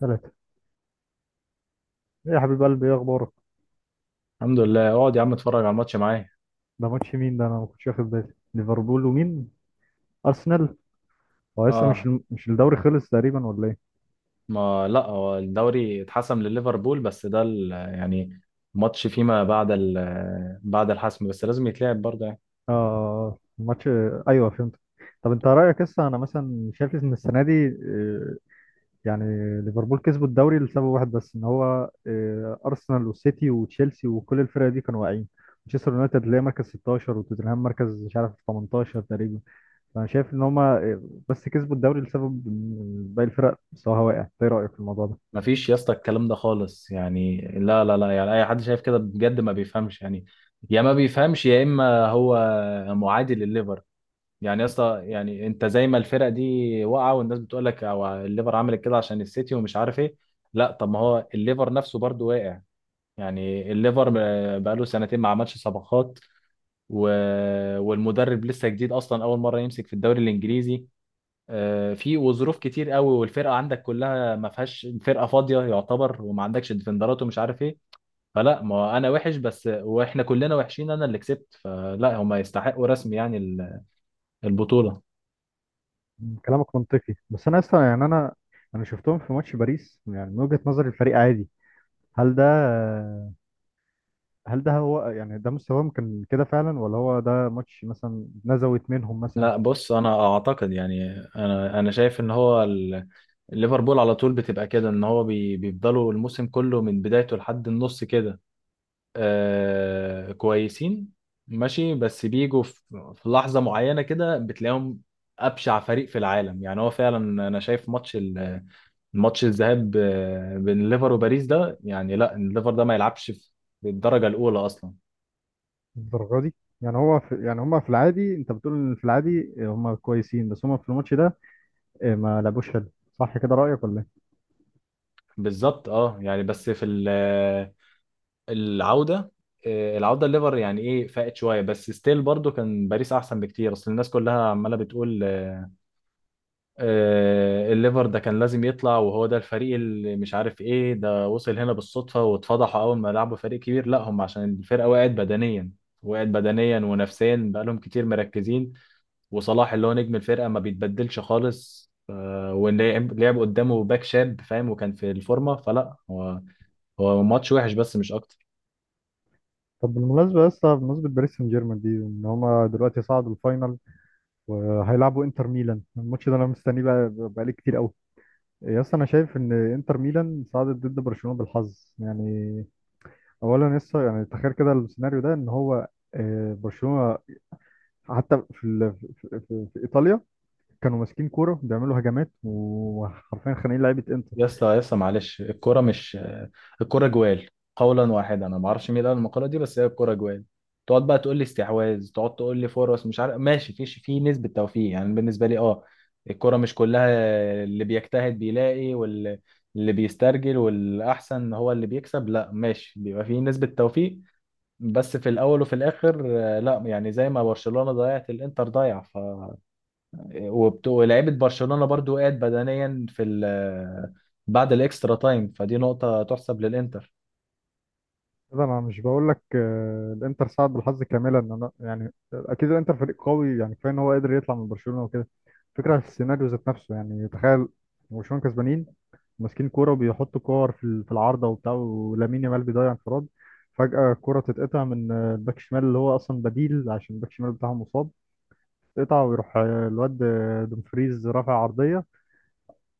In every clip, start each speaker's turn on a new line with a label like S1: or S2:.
S1: ثلاثة. ايه يا حبيب قلبي، ايه اخبارك؟
S2: الحمد لله. اقعد يا عم، اتفرج على الماتش معايا.
S1: ده ماتش مين ده، انا ما كنتش واخد بالي. ليفربول ومين؟ ارسنال. هو لسه
S2: اه.
S1: مش الدوري خلص تقريبا ولا ايه؟
S2: ما لا هو الدوري اتحسم لليفربول، بس ده يعني ماتش فيما بعد بعد الحسم، بس لازم يتلعب برضه يعني.
S1: اه، ماتش. ايوه فهمت. طب انت رايك، لسه انا مثلا شايف ان السنه دي، يعني ليفربول كسبوا الدوري لسبب واحد بس، ان هو ارسنال والسيتي وتشيلسي وكل الفرق دي كانوا واقعين. مانشستر يونايتد اللي هي مركز 16، وتوتنهام مركز مش عارف 18 تقريبا. فانا شايف ان هما، بس كسبوا الدوري لسبب إن باقي الفرق مستواها واقع. إنت ايه رايك في الموضوع ده؟
S2: ما فيش يا اسطى الكلام ده خالص يعني. لا لا لا، يعني اي حد شايف كده بجد ما بيفهمش، يعني يا ما بيفهمش يا اما هو معادي لليفر. يعني يا اسطى، يعني انت زي ما الفرق دي واقعه، والناس بتقول لك او الليفر عملت كده عشان السيتي ومش عارف ايه. لا، طب ما هو الليفر نفسه برضه واقع. يعني الليفر بقاله سنتين ما عملش صفقات، و... والمدرب لسه جديد اصلا، اول مره يمسك في الدوري الانجليزي. في وظروف كتير قوي، والفرقه عندك كلها ما فيهاش، الفرقه فاضيه يعتبر، وما عندكش ديفندرات ومش عارف ايه. فلا ما انا وحش بس، واحنا كلنا وحشين، انا اللي كسبت. فلا هما يستحقوا رسمي يعني البطوله.
S1: كلامك منطقي. بس انا اصلا يعني انا شفتهم في ماتش باريس، يعني من وجهة نظر الفريق عادي. هل ده هل ده هو، يعني ده مستواهم كان كده فعلا، ولا هو ده ماتش مثلا نزوت منهم مثلا؟
S2: لا بص، انا اعتقد يعني انا شايف ان هو ليفربول على طول بتبقى كده، ان هو بيفضلوا الموسم كله من بدايته لحد النص كده. آه كويسين، ماشي، بس بيجوا في لحظة معينة كده بتلاقيهم أبشع فريق في العالم، يعني هو فعلا. أنا شايف ماتش الذهاب بين ليفر وباريس، ده يعني لا، الليفر ده ما يلعبش في الدرجة الأولى أصلا.
S1: الدرجة دي، يعني هو في، يعني هم في العادي، انت بتقول إن في العادي هم كويسين، بس هم في الماتش ده إيه، ما لعبوش حلو. صح كده رأيك ولا ايه؟
S2: بالظبط اه، يعني بس في العودة. العودة الليفر يعني ايه فاقت شوية، بس ستيل برضو كان باريس أحسن بكتير. أصل الناس كلها عمالة بتقول الليفر ده كان لازم يطلع، وهو ده الفريق اللي مش عارف ايه. ده وصل هنا بالصدفة واتفضحوا اول ما لعبوا فريق كبير، لا هم عشان الفرقة وقعت بدنيا، وقعت بدنيا ونفسيا، بقالهم كتير مركزين. وصلاح اللي هو نجم الفرقة ما بيتبدلش خالص، ولعب لعب قدامه باك شاب فاهم وكان في الفورمة. فلا هو ماتش وحش بس مش اكتر.
S1: طب بالمناسبة يا اسطى، بمناسبة باريس سان جيرمان دي، ان هم دلوقتي صعدوا الفاينل وهيلعبوا انتر ميلان. الماتش ده انا مستنيه بقى بقالي كتير قوي. يا اسطى، انا شايف ان انتر ميلان صعدت ضد برشلونه بالحظ يعني. اولا لسه يعني، تخيل كده السيناريو ده ان هو، برشلونه حتى في ال... في... في... في ايطاليا كانوا ماسكين كوره بيعملوا هجمات، وحرفيا خانقين لعيبه انتر.
S2: يا اسطى يا اسطى، معلش، الكرة مش الكرة جوال. قولا واحدا، انا ما اعرفش مين قال المقالة دي، بس هي الكرة جوال. تقعد بقى تقول لي استحواذ، تقعد تقول لي فرص، مش عارف، ماشي، في نسبة توفيق، يعني بالنسبة لي اه. الكرة مش كلها. اللي بيجتهد بيلاقي، واللي بيسترجل والأحسن هو اللي بيكسب. لا ماشي، بيبقى في نسبة توفيق، بس في الأول وفي الآخر لا يعني زي ما برشلونة ضيعت، الإنتر ضيع، ولعيبه برشلونه برضو وقعت بدنيا في ال بعد الاكسترا تايم، فدي نقطه تحسب للانتر.
S1: ده انا مش بقول لك الانتر صعد بالحظ كاملا. ان انا يعني اكيد الانتر فريق قوي يعني، كفايه ان هو قدر يطلع من برشلونه وكده. فكره في السيناريو ذات نفسه يعني، تخيل برشلونه كسبانين ماسكين كوره وبيحطوا كور في العارضه وبتاع، ولامين يامال بيضيع انفراد. فجاه الكوره تتقطع من، الباك الشمال اللي هو اصلا بديل عشان الباك الشمال بتاعهم مصاب. تتقطع ويروح، الواد، دومفريز رافع عرضيه.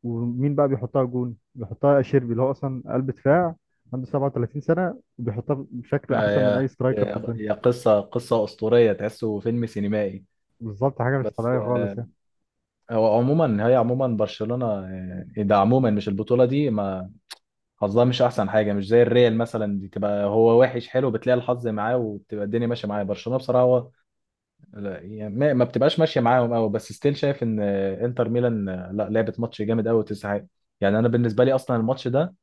S1: ومين بقى بيحطها؟ جون. بيحطها شيربي اللي هو اصلا قلب دفاع عنده 37 سنة، وبيحطها بشكل احسن من
S2: آه.
S1: اي سترايكر في
S2: يا
S1: الدنيا.
S2: هي قصه قصه اسطوريه، تحسه فيلم سينمائي.
S1: بالظبط، حاجة مش
S2: بس
S1: طبيعية خالص يعني.
S2: هو عموما، هي عموما برشلونه ده عموما مش البطوله دي ما حظها مش احسن حاجه، مش زي الريال مثلا دي تبقى هو وحش حلو بتلاقي الحظ معاه وبتبقى الدنيا ماشيه معاه. برشلونه بصراحه هو لا يعني، ما بتبقاش ماشيه معاهم قوي، بس ستيل شايف ان انتر ميلان لا لعبت ماتش جامد قوي وتسعة. يعني انا بالنسبه لي اصلا الماتش ده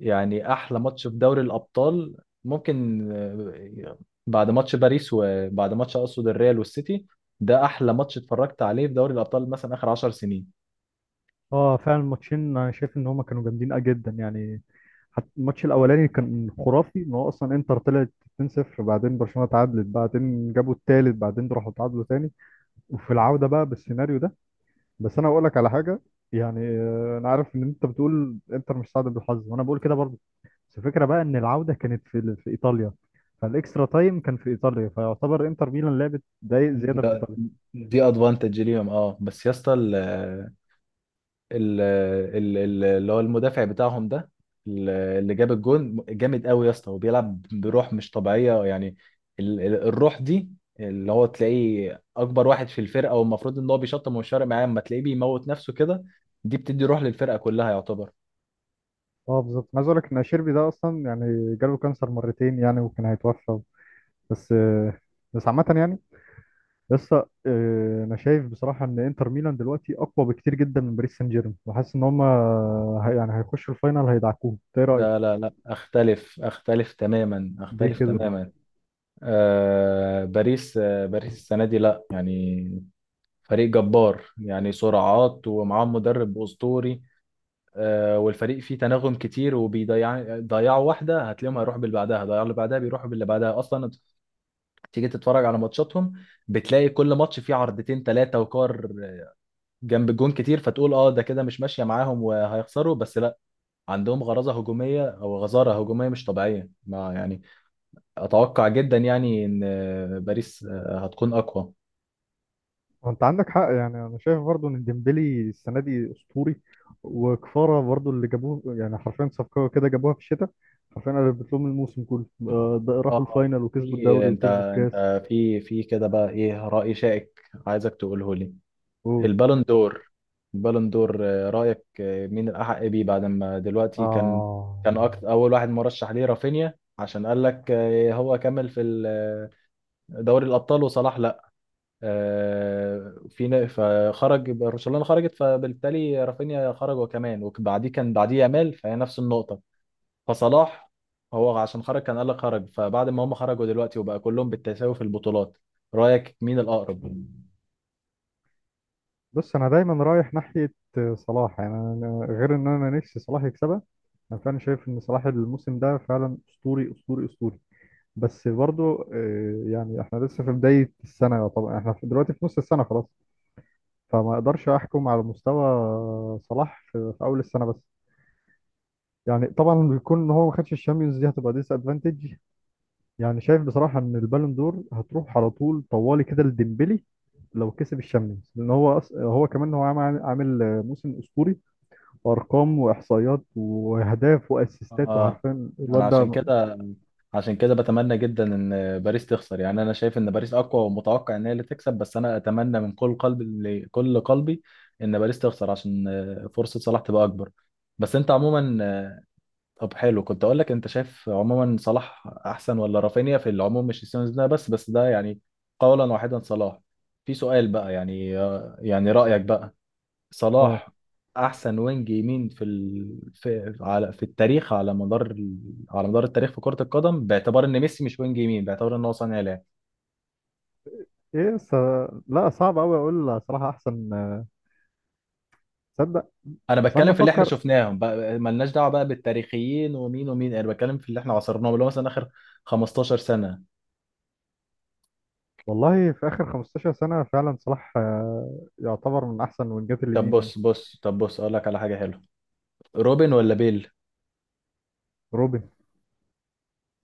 S2: يعني احلى ماتش في دوري الابطال، ممكن بعد ماتش باريس، وبعد ماتش اقصد الريال والسيتي. ده احلى ماتش اتفرجت عليه في دوري الابطال، مثلا اخر 10 سنين.
S1: اه، فعلا الماتشين انا شايف ان هما كانوا جامدين جدا يعني. حتى الماتش الاولاني كان خرافي، ان هو اصلا انتر طلعت 2-0، بعدين برشلونة تعادلت، بعدين جابوا التالت، بعدين راحوا تعادلوا تاني. وفي العودة بقى بالسيناريو ده. بس انا اقول لك على حاجة، يعني انا عارف ان انت بتقول انتر مش سعد بالحظ، وانا بقول كده برضه. بس الفكرة بقى إن العودة كانت في إيطاليا، فالإكسترا تايم كان في إيطاليا، فيعتبر إنتر ميلان لعبت دقايق زيادة في
S2: ده-
S1: إيطاليا.
S2: دي ادفانتج ليهم اه. بس يا اسطى، ال- اللي هو المدافع بتاعهم ده، اللي جاب الجون جامد قوي يا اسطى، وبيلعب بروح مش طبيعية، يعني الروح دي اللي هو تلاقيه اكبر واحد في الفرقة والمفروض ان هو بيشطم ومش فارق معاه، اما تلاقيه بيموت نفسه كده. دي بتدي روح للفرقة كلها يعتبر.
S1: اه بالظبط. أنا عايز اقول لك ان شيربي ده اصلا يعني جاله كانسر مرتين يعني، وكان هيتوفى. بس بس عامة يعني، لسه، أنا شايف بصراحة إن إنتر ميلان دلوقتي أقوى بكتير جدا من باريس سان جيرمان، وحاسس إن هما يعني هيخشوا الفاينال هيدعكوهم. إنت إيه رأيك؟
S2: لا لا لا، اختلف تماما،
S1: دي
S2: اختلف
S1: كده.
S2: تماما. باريس السنة دي، لا يعني فريق جبار يعني، سرعات ومعاهم مدرب أسطوري. والفريق فيه تناغم كتير، ضيعوا واحده هتلاقيهم هيروحوا باللي بعدها، ضيعوا اللي بعدها بيروحوا باللي بعدها اصلا. تيجي تتفرج على ماتشاتهم، بتلاقي كل ماتش فيه عرضتين ثلاثه، وكار جنب الجون كتير، فتقول اه ده كده مش ماشيه معاهم وهيخسروا، بس لا. عندهم غرازه هجوميه او غزاره هجوميه مش طبيعيه، ما يعني اتوقع جدا يعني ان باريس هتكون اقوى.
S1: وانت عندك حق يعني. انا شايف برضو ان ديمبلي السنه دي اسطوري، وكفاره برضو اللي جابوه، يعني حرفيا صفقه كده جابوها في الشتاء، حرفيا قلبت لهم الموسم كله. ده راحوا
S2: اه،
S1: الفاينل وكسبوا
S2: في،
S1: الدوري
S2: انت
S1: وكسبوا الكاس.
S2: انت في كده بقى ايه رأي شائك عايزك تقوله لي.
S1: قول.
S2: البالون دور البالون دور رأيك مين الأحق بيه بعد ما دلوقتي
S1: اه
S2: أول واحد مرشح ليه رافينيا، عشان قال لك هو كمل في دوري الأبطال، وصلاح لا. فخرج برشلونة، خرجت، فبالتالي رافينيا خرج وكمان، وبعديه بعديه يامال، فهي نفس النقطة. فصلاح هو عشان خرج كان قال لك خرج، فبعد ما هم خرجوا دلوقتي، وبقى كلهم بالتساوي في البطولات، رأيك مين الأقرب؟
S1: بص، انا دايما رايح ناحيه صلاح. يعني أنا غير ان انا نفسي صلاح يكسبها، انا فعلا شايف ان صلاح الموسم ده فعلا اسطوري اسطوري اسطوري. بس برضو، يعني احنا لسه في بدايه السنه، طبعا احنا دلوقتي في نص السنه خلاص. فما اقدرش احكم على مستوى صلاح في اول السنه بس. يعني طبعا بيكون ان هو ما خدش الشامبيونز، دي هتبقى ديس ادفانتج. يعني شايف بصراحه ان البالون دور هتروح على طول طوالي كده لديمبلي لو كسب الشامبيونز، لان هو كمان هو عامل موسم اسطوري، وارقام واحصائيات واهداف واسيستات
S2: اه،
S1: وعارفين
S2: انا
S1: الواد
S2: عشان
S1: ده.
S2: كده عشان كده بتمنى جدا ان باريس تخسر، يعني انا شايف ان باريس اقوى ومتوقع ان هي اللي تكسب، بس انا اتمنى من كل قلبي كل قلبي ان باريس تخسر عشان فرصة صلاح تبقى اكبر. بس انت عموما طب حلو، كنت اقول لك، انت شايف عموما صلاح احسن ولا رافينيا في العموم، مش السيزون ده بس ده يعني قولا واحدا صلاح. في سؤال بقى يعني، يعني رأيك بقى
S1: اه.
S2: صلاح احسن وينج يمين في التاريخ، على مدار التاريخ في كرة القدم، باعتبار ان ميسي مش وينج يمين، باعتبار ان هو صانع لعب.
S1: ايه، لا، صعب قوي اقول صراحه احسن. تصدق؟
S2: انا
S1: بس انا
S2: بتكلم في اللي احنا
S1: بفكر.
S2: شفناهم بقى، ملناش دعوة بقى بالتاريخيين ومين ومين، انا بتكلم في اللي احنا عاصرناهم، اللي هو مثلا اخر 15 سنة.
S1: والله في آخر 15 سنة فعلا صلاح، يعتبر من أحسن وينجات
S2: طب
S1: اليمين.
S2: بص اقول لك على حاجة حلوة، روبن ولا بيل؟
S1: روبن.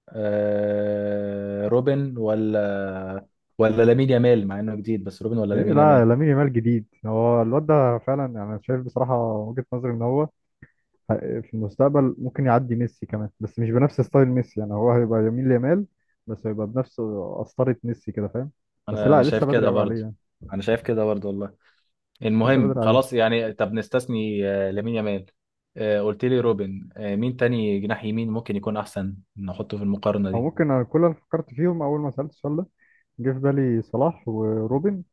S2: روبن ولا لامين يامال، مع انه جديد، بس روبن ولا
S1: إيه،
S2: لامين
S1: لا
S2: يامال؟
S1: لامين يامال جديد، هو الواد ده فعلا يعني. أنا شايف بصراحة وجهة نظري إن هو في المستقبل ممكن يعدي ميسي كمان، بس مش بنفس ستايل ميسي. يعني هو هيبقى يمين ليامال، بس هيبقى بنفس قسطرة ميسي كده فاهم. بس
S2: انا
S1: لا
S2: انا شايف
S1: لسه بدري
S2: كده
S1: قوي عليه
S2: برضه،
S1: يعني.
S2: انا شايف كده برضه والله.
S1: لسه
S2: المهم
S1: بدري عليه.
S2: خلاص يعني، طب نستثني لامين يامال. قلت لي روبن، مين تاني جناح يمين ممكن يكون احسن نحطه في المقارنة
S1: أو
S2: دي؟
S1: ممكن، أنا كل اللي فكرت فيهم أول ما سألت السؤال ده جه في بالي صلاح وروبن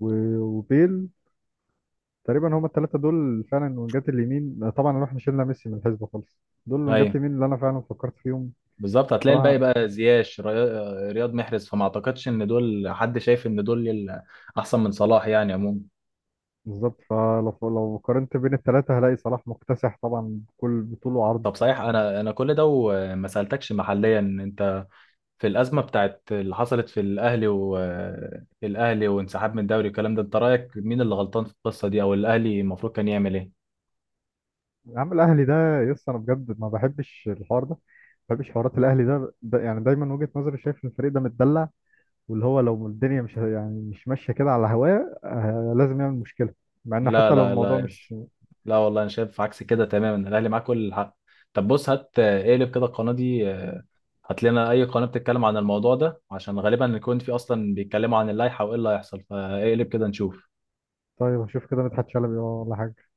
S1: وبيل. تقريبا هما الثلاثه دول فعلا وينجات اليمين، طبعا احنا شلنا ميسي من الحسبه خالص. دول وينجات
S2: ايوه،
S1: اليمين اللي انا فعلا فكرت فيهم.
S2: بالظبط، هتلاقي الباقي
S1: بصراحه
S2: بقى زياش رياض محرز، فما اعتقدش ان دول حد شايف ان دول احسن من صلاح يعني عموما.
S1: بالظبط، فلو قارنت بين الثلاثه هلاقي صلاح مكتسح طبعا بكل بطول وعرض.
S2: طب صحيح، انا كل ده وما سألتكش محليا انت في الأزمة بتاعت اللي حصلت في الأهلي والأهلي وانسحاب من الدوري والكلام ده، انت رأيك مين اللي غلطان في القصة دي، او الأهلي المفروض كان يعمل ايه؟
S1: يا عم الاهلي ده يس، انا بجد ما بحبش الحوار ده. ما بحبش حوارات الاهلي، ده يعني دايما وجهه نظري شايف ان الفريق ده متدلع. واللي هو لو الدنيا مش يعني مش ماشيه كده على هواه، لازم يعمل مشكله. مع انه
S2: لا
S1: حتى لو
S2: لا
S1: الموضوع
S2: لا،
S1: مش.
S2: لا والله، انا شايف عكس كده تماما، الاهلي معاه كل الحق. طب بص، هات آه، اقلب كده القناه دي، هات لنا اي قناه بتتكلم عن الموضوع ده، عشان غالبا يكون في اصلا بيتكلموا عن اللائحه وايه اللي هيحصل، فاقلب كده نشوف.
S1: طيب هشوف كده مدحت شلبي ولا حاجه.